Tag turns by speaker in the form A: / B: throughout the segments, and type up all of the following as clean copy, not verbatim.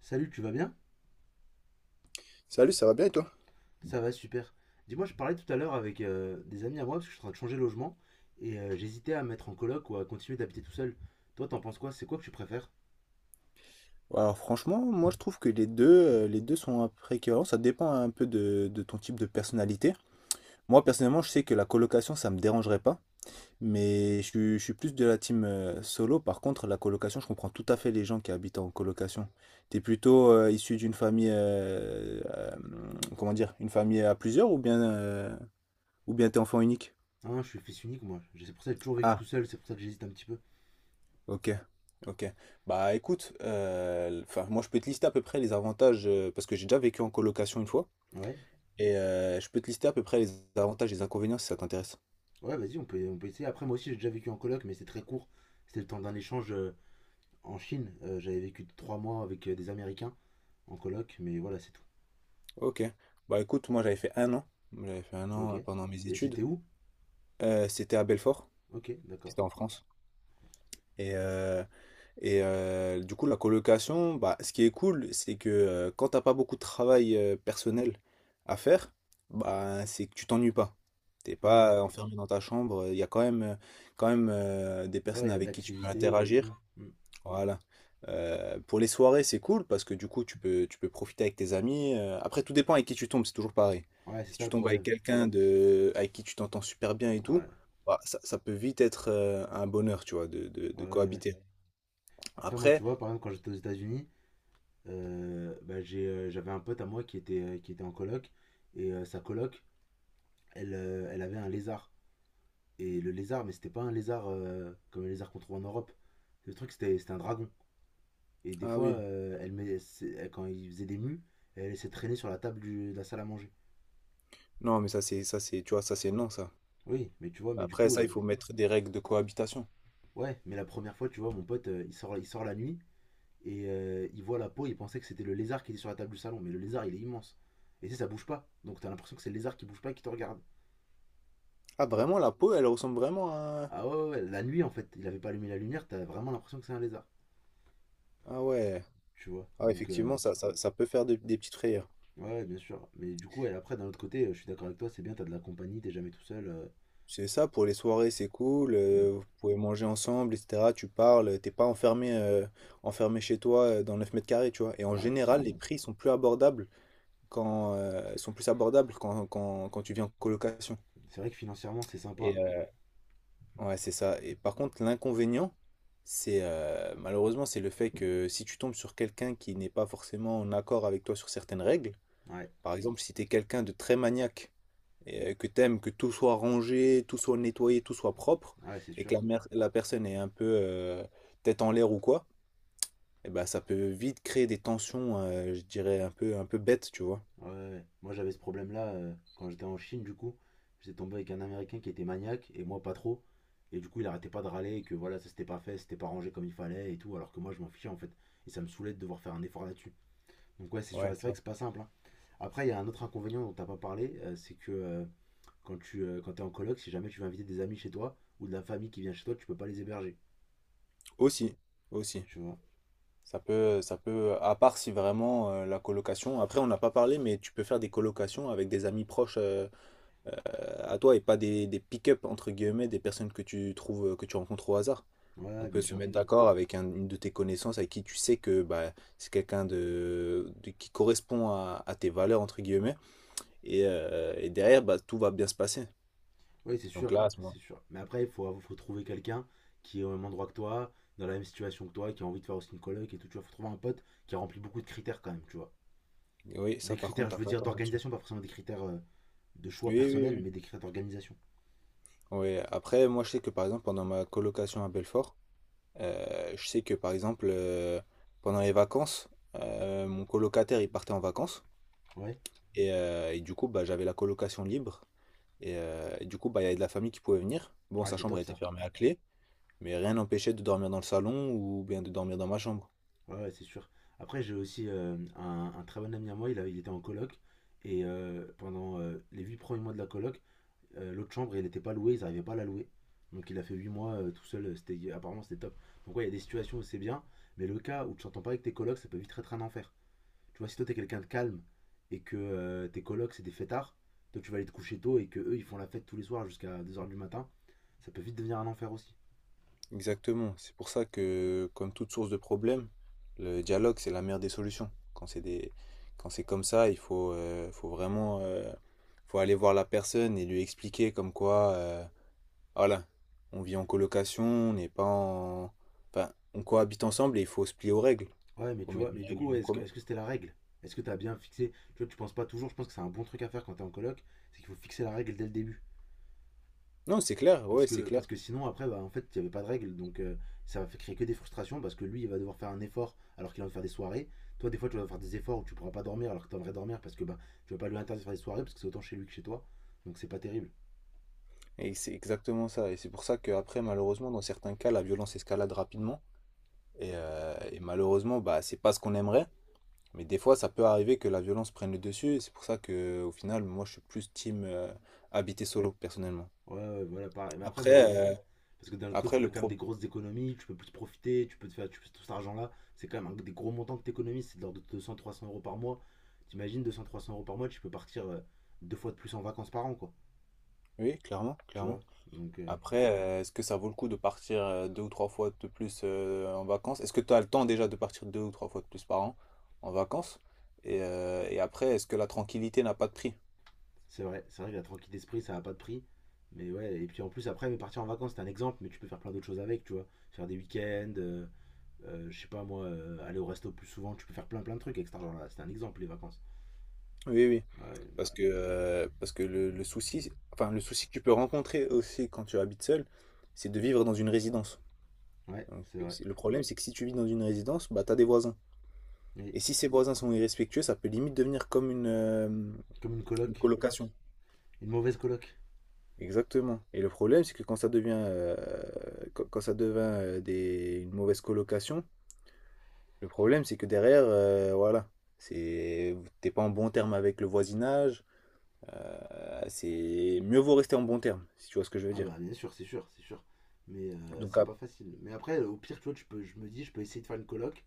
A: Salut, tu vas bien?
B: Salut, ça va bien et toi?
A: Ça va, super. Dis-moi, je parlais tout à l'heure avec des amis à moi parce que je suis en train de changer de logement et j'hésitais à me mettre en coloc ou à continuer d'habiter tout seul. Toi, t'en penses quoi? C'est quoi que tu préfères?
B: Alors franchement, moi je trouve que les deux sont un peu près équivalents, ça dépend un peu de ton type de personnalité. Moi personnellement, je sais que la colocation, ça me dérangerait pas, mais je suis plus de la team solo. Par contre, la colocation, je comprends tout à fait les gens qui habitent en colocation. T'es plutôt issu d'une famille, comment dire, une famille à plusieurs ou bien t'es enfant unique?
A: Hein, je suis fils unique, moi. C'est pour ça que j'ai toujours vécu tout seul, c'est pour ça que j'hésite un petit peu.
B: Ok, ok. Bah écoute, enfin, moi je peux te lister à peu près les avantages, parce que j'ai déjà vécu en colocation une fois,
A: Ouais,
B: et je peux te lister à peu près les avantages et les inconvénients si ça t'intéresse.
A: ouais, vas-y, on peut essayer. Après, moi aussi, j'ai déjà vécu en coloc, mais c'est très court. C'était le temps d'un échange en Chine. J'avais vécu 3 mois avec des Américains en coloc, mais voilà, c'est tout.
B: Ok. Bah écoute, moi j'avais fait un an, j'avais fait un
A: Ok.
B: an pendant mes
A: Et
B: études.
A: c'était où?
B: C'était à Belfort,
A: Ok, d'accord.
B: c'était en France. Et euh, du coup, la colocation, bah, ce qui est cool, c'est que quand t'as pas beaucoup de travail personnel à faire, bah, c'est que tu t'ennuies pas. T'es
A: Ouais, ouais.
B: pas enfermé dans ta chambre. Il y a quand même, des
A: Ouais,
B: personnes
A: il y a de
B: avec qui tu peux
A: l'activité et tout.
B: interagir.
A: Hmm.
B: Voilà. Pour les soirées, c'est cool parce que du coup, tu peux profiter avec tes amis. Après, tout dépend avec qui tu tombes. C'est toujours pareil.
A: Ouais, c'est
B: Si
A: ça
B: tu
A: le
B: tombes avec
A: problème.
B: quelqu'un avec qui tu t'entends super bien et tout,
A: Ouais.
B: bah, ça peut vite être un bonheur, tu vois, de, de
A: Ouais,
B: de
A: ouais, ouais.
B: cohabiter.
A: Après, moi, tu
B: Après,
A: vois, par exemple, quand j'étais aux États-Unis, bah, j'avais un pote à moi qui était en coloc. Et sa coloc, elle, elle avait un lézard. Et le lézard, mais c'était pas un lézard comme les lézards qu'on trouve en Europe. Le truc, c'était un dragon. Et des
B: ah
A: fois,
B: oui.
A: elle, met- c'est- elle- quand il faisait des mues, elle laissait traîner sur la table de la salle à manger.
B: Non, mais ça c'est tu vois ça c'est non ça.
A: Oui, mais tu vois, mais
B: Après ça il faut mettre des règles de cohabitation.
A: ouais, mais la première fois, tu vois, mon pote, il sort la nuit. Et il voit la peau, il pensait que c'était le lézard qui était sur la table du salon. Mais le lézard, il est immense. Et tu sais, ça bouge pas. Donc t'as l'impression que c'est le lézard qui bouge pas et qui te regarde.
B: Ah vraiment la peau elle ressemble vraiment à
A: Ah ouais, ouais, la nuit, en fait, il avait pas allumé la lumière, t'as vraiment l'impression que c'est un lézard.
B: ah ouais.
A: Tu vois.
B: Ah effectivement ça peut faire des petites frayeurs.
A: Ouais, ouais, bien sûr. Mais du coup, et après, d'un autre côté, je suis d'accord avec toi, c'est bien, t'as de la compagnie, t'es jamais tout seul.
B: C'est ça, pour les soirées c'est cool. Vous pouvez manger ensemble etc. Tu parles, t'es pas enfermé enfermé chez toi dans 9 m² tu vois. Et en
A: Hmm, ouais, c'est
B: général
A: sûr.
B: les prix sont plus abordables quand sont plus abordables quand, quand, quand tu viens en colocation.
A: C'est vrai que financièrement, c'est
B: Et
A: sympa.
B: Ouais, c'est ça. Et par contre, l'inconvénient, c'est malheureusement, c'est le fait que si tu tombes sur quelqu'un qui n'est pas forcément en accord avec toi sur certaines règles,
A: Ouais,
B: par exemple, si tu es quelqu'un de très maniaque et que t'aimes que tout soit rangé, tout soit nettoyé, tout soit propre,
A: ouais, c'est
B: et que
A: sûr.
B: la personne est un peu tête en l'air ou quoi, eh ben, ça peut vite créer des tensions, je dirais, un peu bêtes, tu vois.
A: Ouais, ouais, ouais. Moi j'avais ce problème-là quand j'étais en Chine, du coup. J'étais tombé avec un Américain qui était maniaque et moi pas trop. Et du coup, il arrêtait pas de râler que voilà, ça s'était pas fait, c'était pas rangé comme il fallait et tout, alors que moi je m'en fichais en fait. Et ça me saoulait de devoir faire un effort là-dessus. Donc, ouais, c'est sûr,
B: Ouais,
A: et c'est
B: tu
A: vrai que
B: vois.
A: c'est pas simple, hein. Après, il y a un autre inconvénient dont t'as pas parlé, c'est que quand tu quand t'es en coloc, si jamais tu veux inviter des amis chez toi ou de la famille qui vient chez toi, tu peux pas les héberger.
B: Aussi, aussi.
A: Tu vois?
B: À part si vraiment la colocation, après on n'a pas parlé, mais tu peux faire des colocations avec des amis proches à toi et pas des pick-up entre guillemets, des personnes que tu trouves, que tu rencontres au hasard. On
A: Ouais, bien
B: peut se
A: sûr.
B: mettre d'accord avec une de tes connaissances avec qui tu sais que bah, c'est quelqu'un qui correspond à tes valeurs entre guillemets et derrière bah, tout va bien se passer.
A: Oui, c'est
B: Donc
A: sûr,
B: là, à ce moment.
A: c'est sûr. Mais après, faut trouver quelqu'un qui est au même endroit que toi, dans la même situation que toi, qui a envie de faire aussi une coloc et tout. Tu vois, faut trouver un pote qui a rempli beaucoup de critères quand même, tu vois.
B: Oui,
A: Des
B: ça par
A: critères, je
B: contre,
A: veux dire, d'organisation, pas forcément des critères de choix
B: oui,
A: personnel,
B: oui,
A: mais des critères d'organisation.
B: oui. Ouais, après, moi je sais que par exemple pendant ma colocation à Belfort, je sais que par exemple, pendant les vacances, mon colocataire il partait en vacances
A: Ouais,
B: et du coup bah, j'avais la colocation libre et du coup bah, il y avait de la famille qui pouvait venir. Bon,
A: ouais,
B: sa
A: c'est
B: chambre a
A: top
B: été
A: ça.
B: fermée à clé, mais rien n'empêchait de dormir dans le salon ou bien de dormir dans ma chambre.
A: Ouais, ouais, c'est sûr. Après, j'ai aussi un très bon ami à moi, il était en coloc. Et pendant les 8 premiers mois de la coloc, l'autre chambre, elle n'était pas louée, ils n'arrivaient pas à la louer. Donc il a fait 8 mois tout seul, apparemment c'était top. Donc ouais, il y a des situations où c'est bien, mais le cas où tu t'entends pas avec tes colocs, ça peut vite être un enfer. Tu vois, si toi t'es quelqu'un de calme et que tes colocs c'est des fêtards, toi tu vas aller te coucher tôt et que eux ils font la fête tous les soirs jusqu'à 2 heures du matin, ça peut vite devenir un enfer aussi.
B: Exactement, c'est pour ça que comme toute source de problème, le dialogue c'est la meilleure des solutions. Quand c'est des. Quand c'est comme ça, il faut vraiment faut aller voir la personne et lui expliquer comme quoi. Voilà, on vit en colocation, on n'est pas en. Enfin, on cohabite ensemble et il faut se plier aux règles. Il
A: Ouais, mais
B: Faut
A: tu vois,
B: mettre
A: mais
B: des
A: du
B: règles
A: coup,
B: en
A: ouais,
B: commun.
A: est-ce que c'était la règle. Est-ce que t'as bien fixé. Tu vois, tu penses pas toujours, je pense que c'est un bon truc à faire quand t'es en coloc, c'est qu'il faut fixer la règle dès le début.
B: Non, c'est clair, ouais, c'est
A: Parce
B: clair.
A: que sinon, après, bah, en fait, il n'y avait pas de règles. Ça va créer que des frustrations parce que lui, il va devoir faire un effort alors qu'il va faire des soirées. Toi, des fois, tu vas devoir faire des efforts où tu ne pourras pas dormir alors que tu aimerais dormir parce que bah, tu ne vas pas lui interdire de faire des soirées parce que c'est autant chez lui que chez toi. Donc, c'est pas terrible.
B: Et c'est exactement ça. Et c'est pour ça qu'après, malheureusement, dans certains cas, la violence escalade rapidement. Et malheureusement, bah, c'est pas ce qu'on aimerait. Mais des fois, ça peut arriver que la violence prenne le dessus. Et c'est pour ça que, au final, moi, je suis plus team habiter solo, personnellement.
A: Ouais, ouais, voilà, pareil. Mais après, moi,
B: Après, euh,
A: j'hésite. Parce que d'un autre côté, ça
B: après le
A: fait quand même
B: pro...
A: des grosses économies. Tu peux plus profiter. Tu peux te faire tu peux- tout cet argent-là. C'est quand même des gros montants que tu économises. C'est de l'ordre de 200 à 300 euros par mois. T'imagines 200 à 300 euros par mois, tu peux partir 2 fois de plus en vacances par an, quoi.
B: Oui, clairement,
A: Tu
B: clairement.
A: vois. Donc, euh,
B: Après, est-ce que ça vaut le coup de partir deux ou trois fois de plus en vacances? Est-ce que tu as le temps déjà de partir deux ou trois fois de plus par an en vacances? Et après, est-ce que la tranquillité n'a pas de prix?
A: C'est vrai que la tranquille d'esprit, ça n'a pas de prix. Mais ouais, et puis en plus, après, mais partir en vacances, c'est un exemple, mais tu peux faire plein d'autres choses avec, tu vois. Faire des week-ends, je sais pas moi, aller au resto plus souvent, tu peux faire plein plein de trucs avec cet argent-là. C'est un exemple, les vacances.
B: Oui, oui.
A: Ouais,
B: Parce que, parce que le souci que tu peux rencontrer aussi quand tu habites seul, c'est de vivre dans une résidence.
A: ouais,
B: Donc,
A: c'est vrai.
B: le problème, c'est que si tu vis dans une résidence, bah, tu as des voisins.
A: Oui,
B: Et si ces voisins sont irrespectueux, ça peut limite devenir comme une, euh,
A: comme une
B: une
A: coloc,
B: colocation.
A: une mauvaise coloc.
B: Exactement, et le problème, c'est que quand ça devient, quand quand ça devient, des une mauvaise colocation, le problème, c'est que derrière, voilà, c'est t'es pas en bon terme avec le voisinage, heu, c'est mieux vaut rester en bon terme, si tu vois ce que je veux
A: Ah
B: dire.
A: bah, bien sûr, c'est sûr, c'est sûr. Mais
B: Donc
A: c'est
B: ap
A: pas facile. Mais après, au pire, tu vois, tu peux, je me dis, je peux essayer de faire une coloc,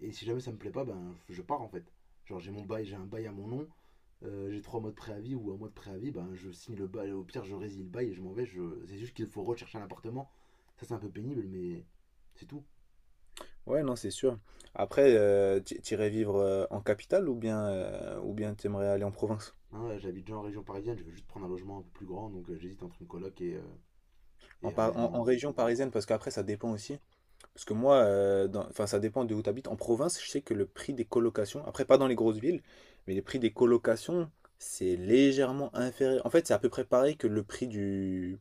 A: et si jamais ça me plaît pas, ben je pars en fait. Genre, j'ai un bail à mon nom, j'ai 3 mois de préavis ou 1 mois de préavis, ben je signe le bail, au pire je résile le bail et je m'en vais. Je... C'est juste qu'il faut rechercher un appartement. Ça c'est un peu pénible, mais c'est tout.
B: ouais, non, c'est sûr. Après, tu i vivre, en capitale ou bien tu aimerais aller en province?
A: Hein, j'habite déjà en région parisienne, je veux juste prendre un logement un peu plus grand, donc j'hésite entre une coloc
B: En
A: et un
B: pa en en
A: logement.
B: région parisienne parce qu'après ça dépend aussi. Parce que moi, enfin, ça dépend de où tu habites. En province, je sais que le prix des colocations, après pas dans les grosses villes, mais les prix des colocations, c'est légèrement inférieur. En fait, c'est à peu près pareil que le prix du.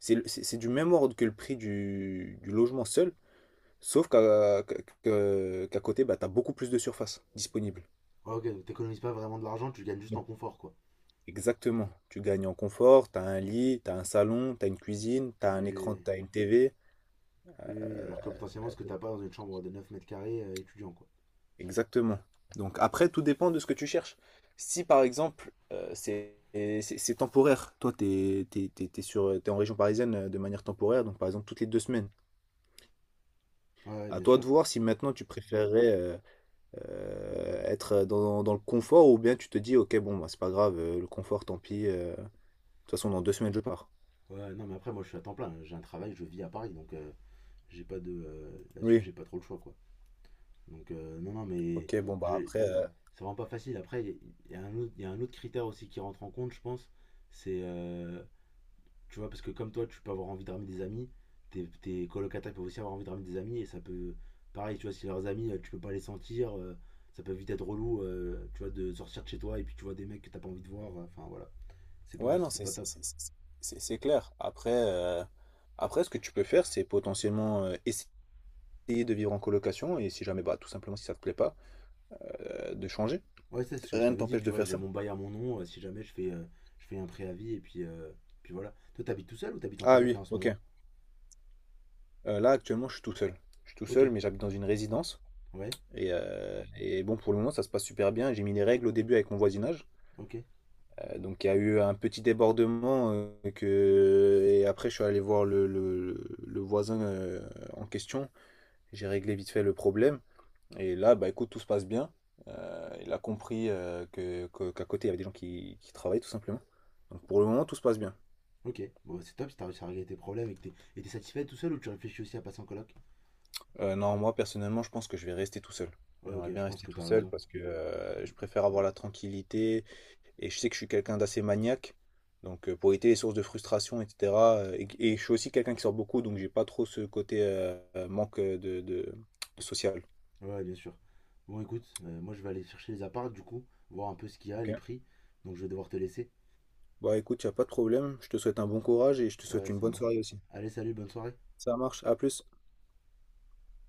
B: C'est du même ordre que le prix du logement seul, sauf qu'à côté, bah, tu as beaucoup plus de surface disponible.
A: Ouais, ok, donc t'économises pas vraiment de l'argent, tu gagnes juste en confort quoi.
B: Exactement. Tu gagnes en confort, tu as un lit, tu as un salon, tu as une cuisine, tu as un écran,
A: Et,
B: tu as une TV.
A: et alors que potentiellement ce que t'as pas dans une chambre de 9 mètres carrés étudiant quoi.
B: Exactement. Donc après, tout dépend de ce que tu cherches. Si par exemple, c'est temporaire, toi, t'es en région parisienne de manière temporaire, donc par exemple toutes les 2 semaines.
A: Ouais, ouais,
B: À
A: bien
B: toi de
A: sûr.
B: voir si maintenant tu préférerais être dans le confort ou bien tu te dis, ok, bon, bah, c'est pas grave, le confort, tant pis. De toute façon, dans 2 semaines, je pars.
A: Ouais, non mais après moi je suis à temps plein, j'ai un travail, je vis à Paris, donc j'ai pas de... Là-dessus
B: Oui.
A: j'ai pas trop le choix quoi. Donc non, non mais...
B: Ok, bon, bah
A: Je,
B: après.
A: c'est vraiment pas facile. Après, il y, a un autre- y a un autre critère aussi qui rentre en compte, je pense. C'est, euh, tu vois, parce que comme toi, tu peux avoir envie de ramener des amis, tes colocataires peuvent aussi avoir envie de ramener des amis, et ça peut, pareil, tu vois, si leurs amis, tu peux pas les sentir, ça peut vite être relou, tu vois, de sortir de chez toi, et puis tu vois des mecs que t'as pas envie de voir, enfin voilà,
B: Ouais, non,
A: c'est
B: c'est
A: pas
B: c'est-
A: top.
B: c'est- c'est- c'est- c'est clair. Après, après, ce que tu peux faire, c'est potentiellement essayer. Essayer de vivre en colocation et si jamais, bah, tout simplement, si ça te plaît pas, de changer.
A: Ouais, ça, c'est ce que je
B: Rien ne
A: t'avais dit,
B: t'empêche
A: tu
B: de
A: vois,
B: faire
A: j'ai
B: ça.
A: mon bail à mon nom, si jamais je fais, je fais un préavis, puis voilà. Toi, t'habites tout seul ou t'habites en
B: Ah
A: coloc là
B: oui,
A: en ce
B: OK.
A: moment?
B: Là, actuellement, je suis tout seul. Je suis tout
A: Ok,
B: seul, mais j'habite dans une résidence
A: ouais,
B: et bon, pour le moment, ça se passe super bien. J'ai mis les règles au début avec mon voisinage,
A: ok.
B: donc il y a eu un petit débordement, que et après je suis allé voir le voisin, en question. J'ai réglé vite fait le problème et là, bah, écoute, tout se passe bien. Heu, il a compris, que qu'à côté, il y avait des gens qui travaillent tout simplement. Donc pour le moment, tout se passe bien.
A: Ok, bon, c'est top si t'as réussi à régler tes problèmes et que t'es satisfait tout seul ou tu réfléchis aussi à passer en coloc.
B: Non, moi personnellement, je pense que je vais rester tout seul.
A: Ouais,
B: J'aimerais
A: ok,
B: bien
A: je pense
B: rester
A: que
B: tout
A: t'as
B: seul
A: raison.
B: parce que, je préfère avoir la tranquillité et je sais que je suis quelqu'un d'assez maniaque. Donc, pour éviter les sources de frustration et cetera, et je suis aussi quelqu'un qui sort beaucoup, donc j'ai pas trop ce côté, manque, de social.
A: Ouais, bien sûr. Bon, écoute, moi je vais aller chercher les apparts du coup, voir un peu ce qu'il y a, les
B: OK.
A: prix. Donc je vais devoir te laisser.
B: Bah, écoute, y a pas de problème. Je te souhaite un bon courage et je te souhaite
A: Ouais,
B: une
A: ça
B: bonne soirée
A: marche.
B: aussi.
A: Allez, salut, bonne soirée.
B: Ça marche, à plus.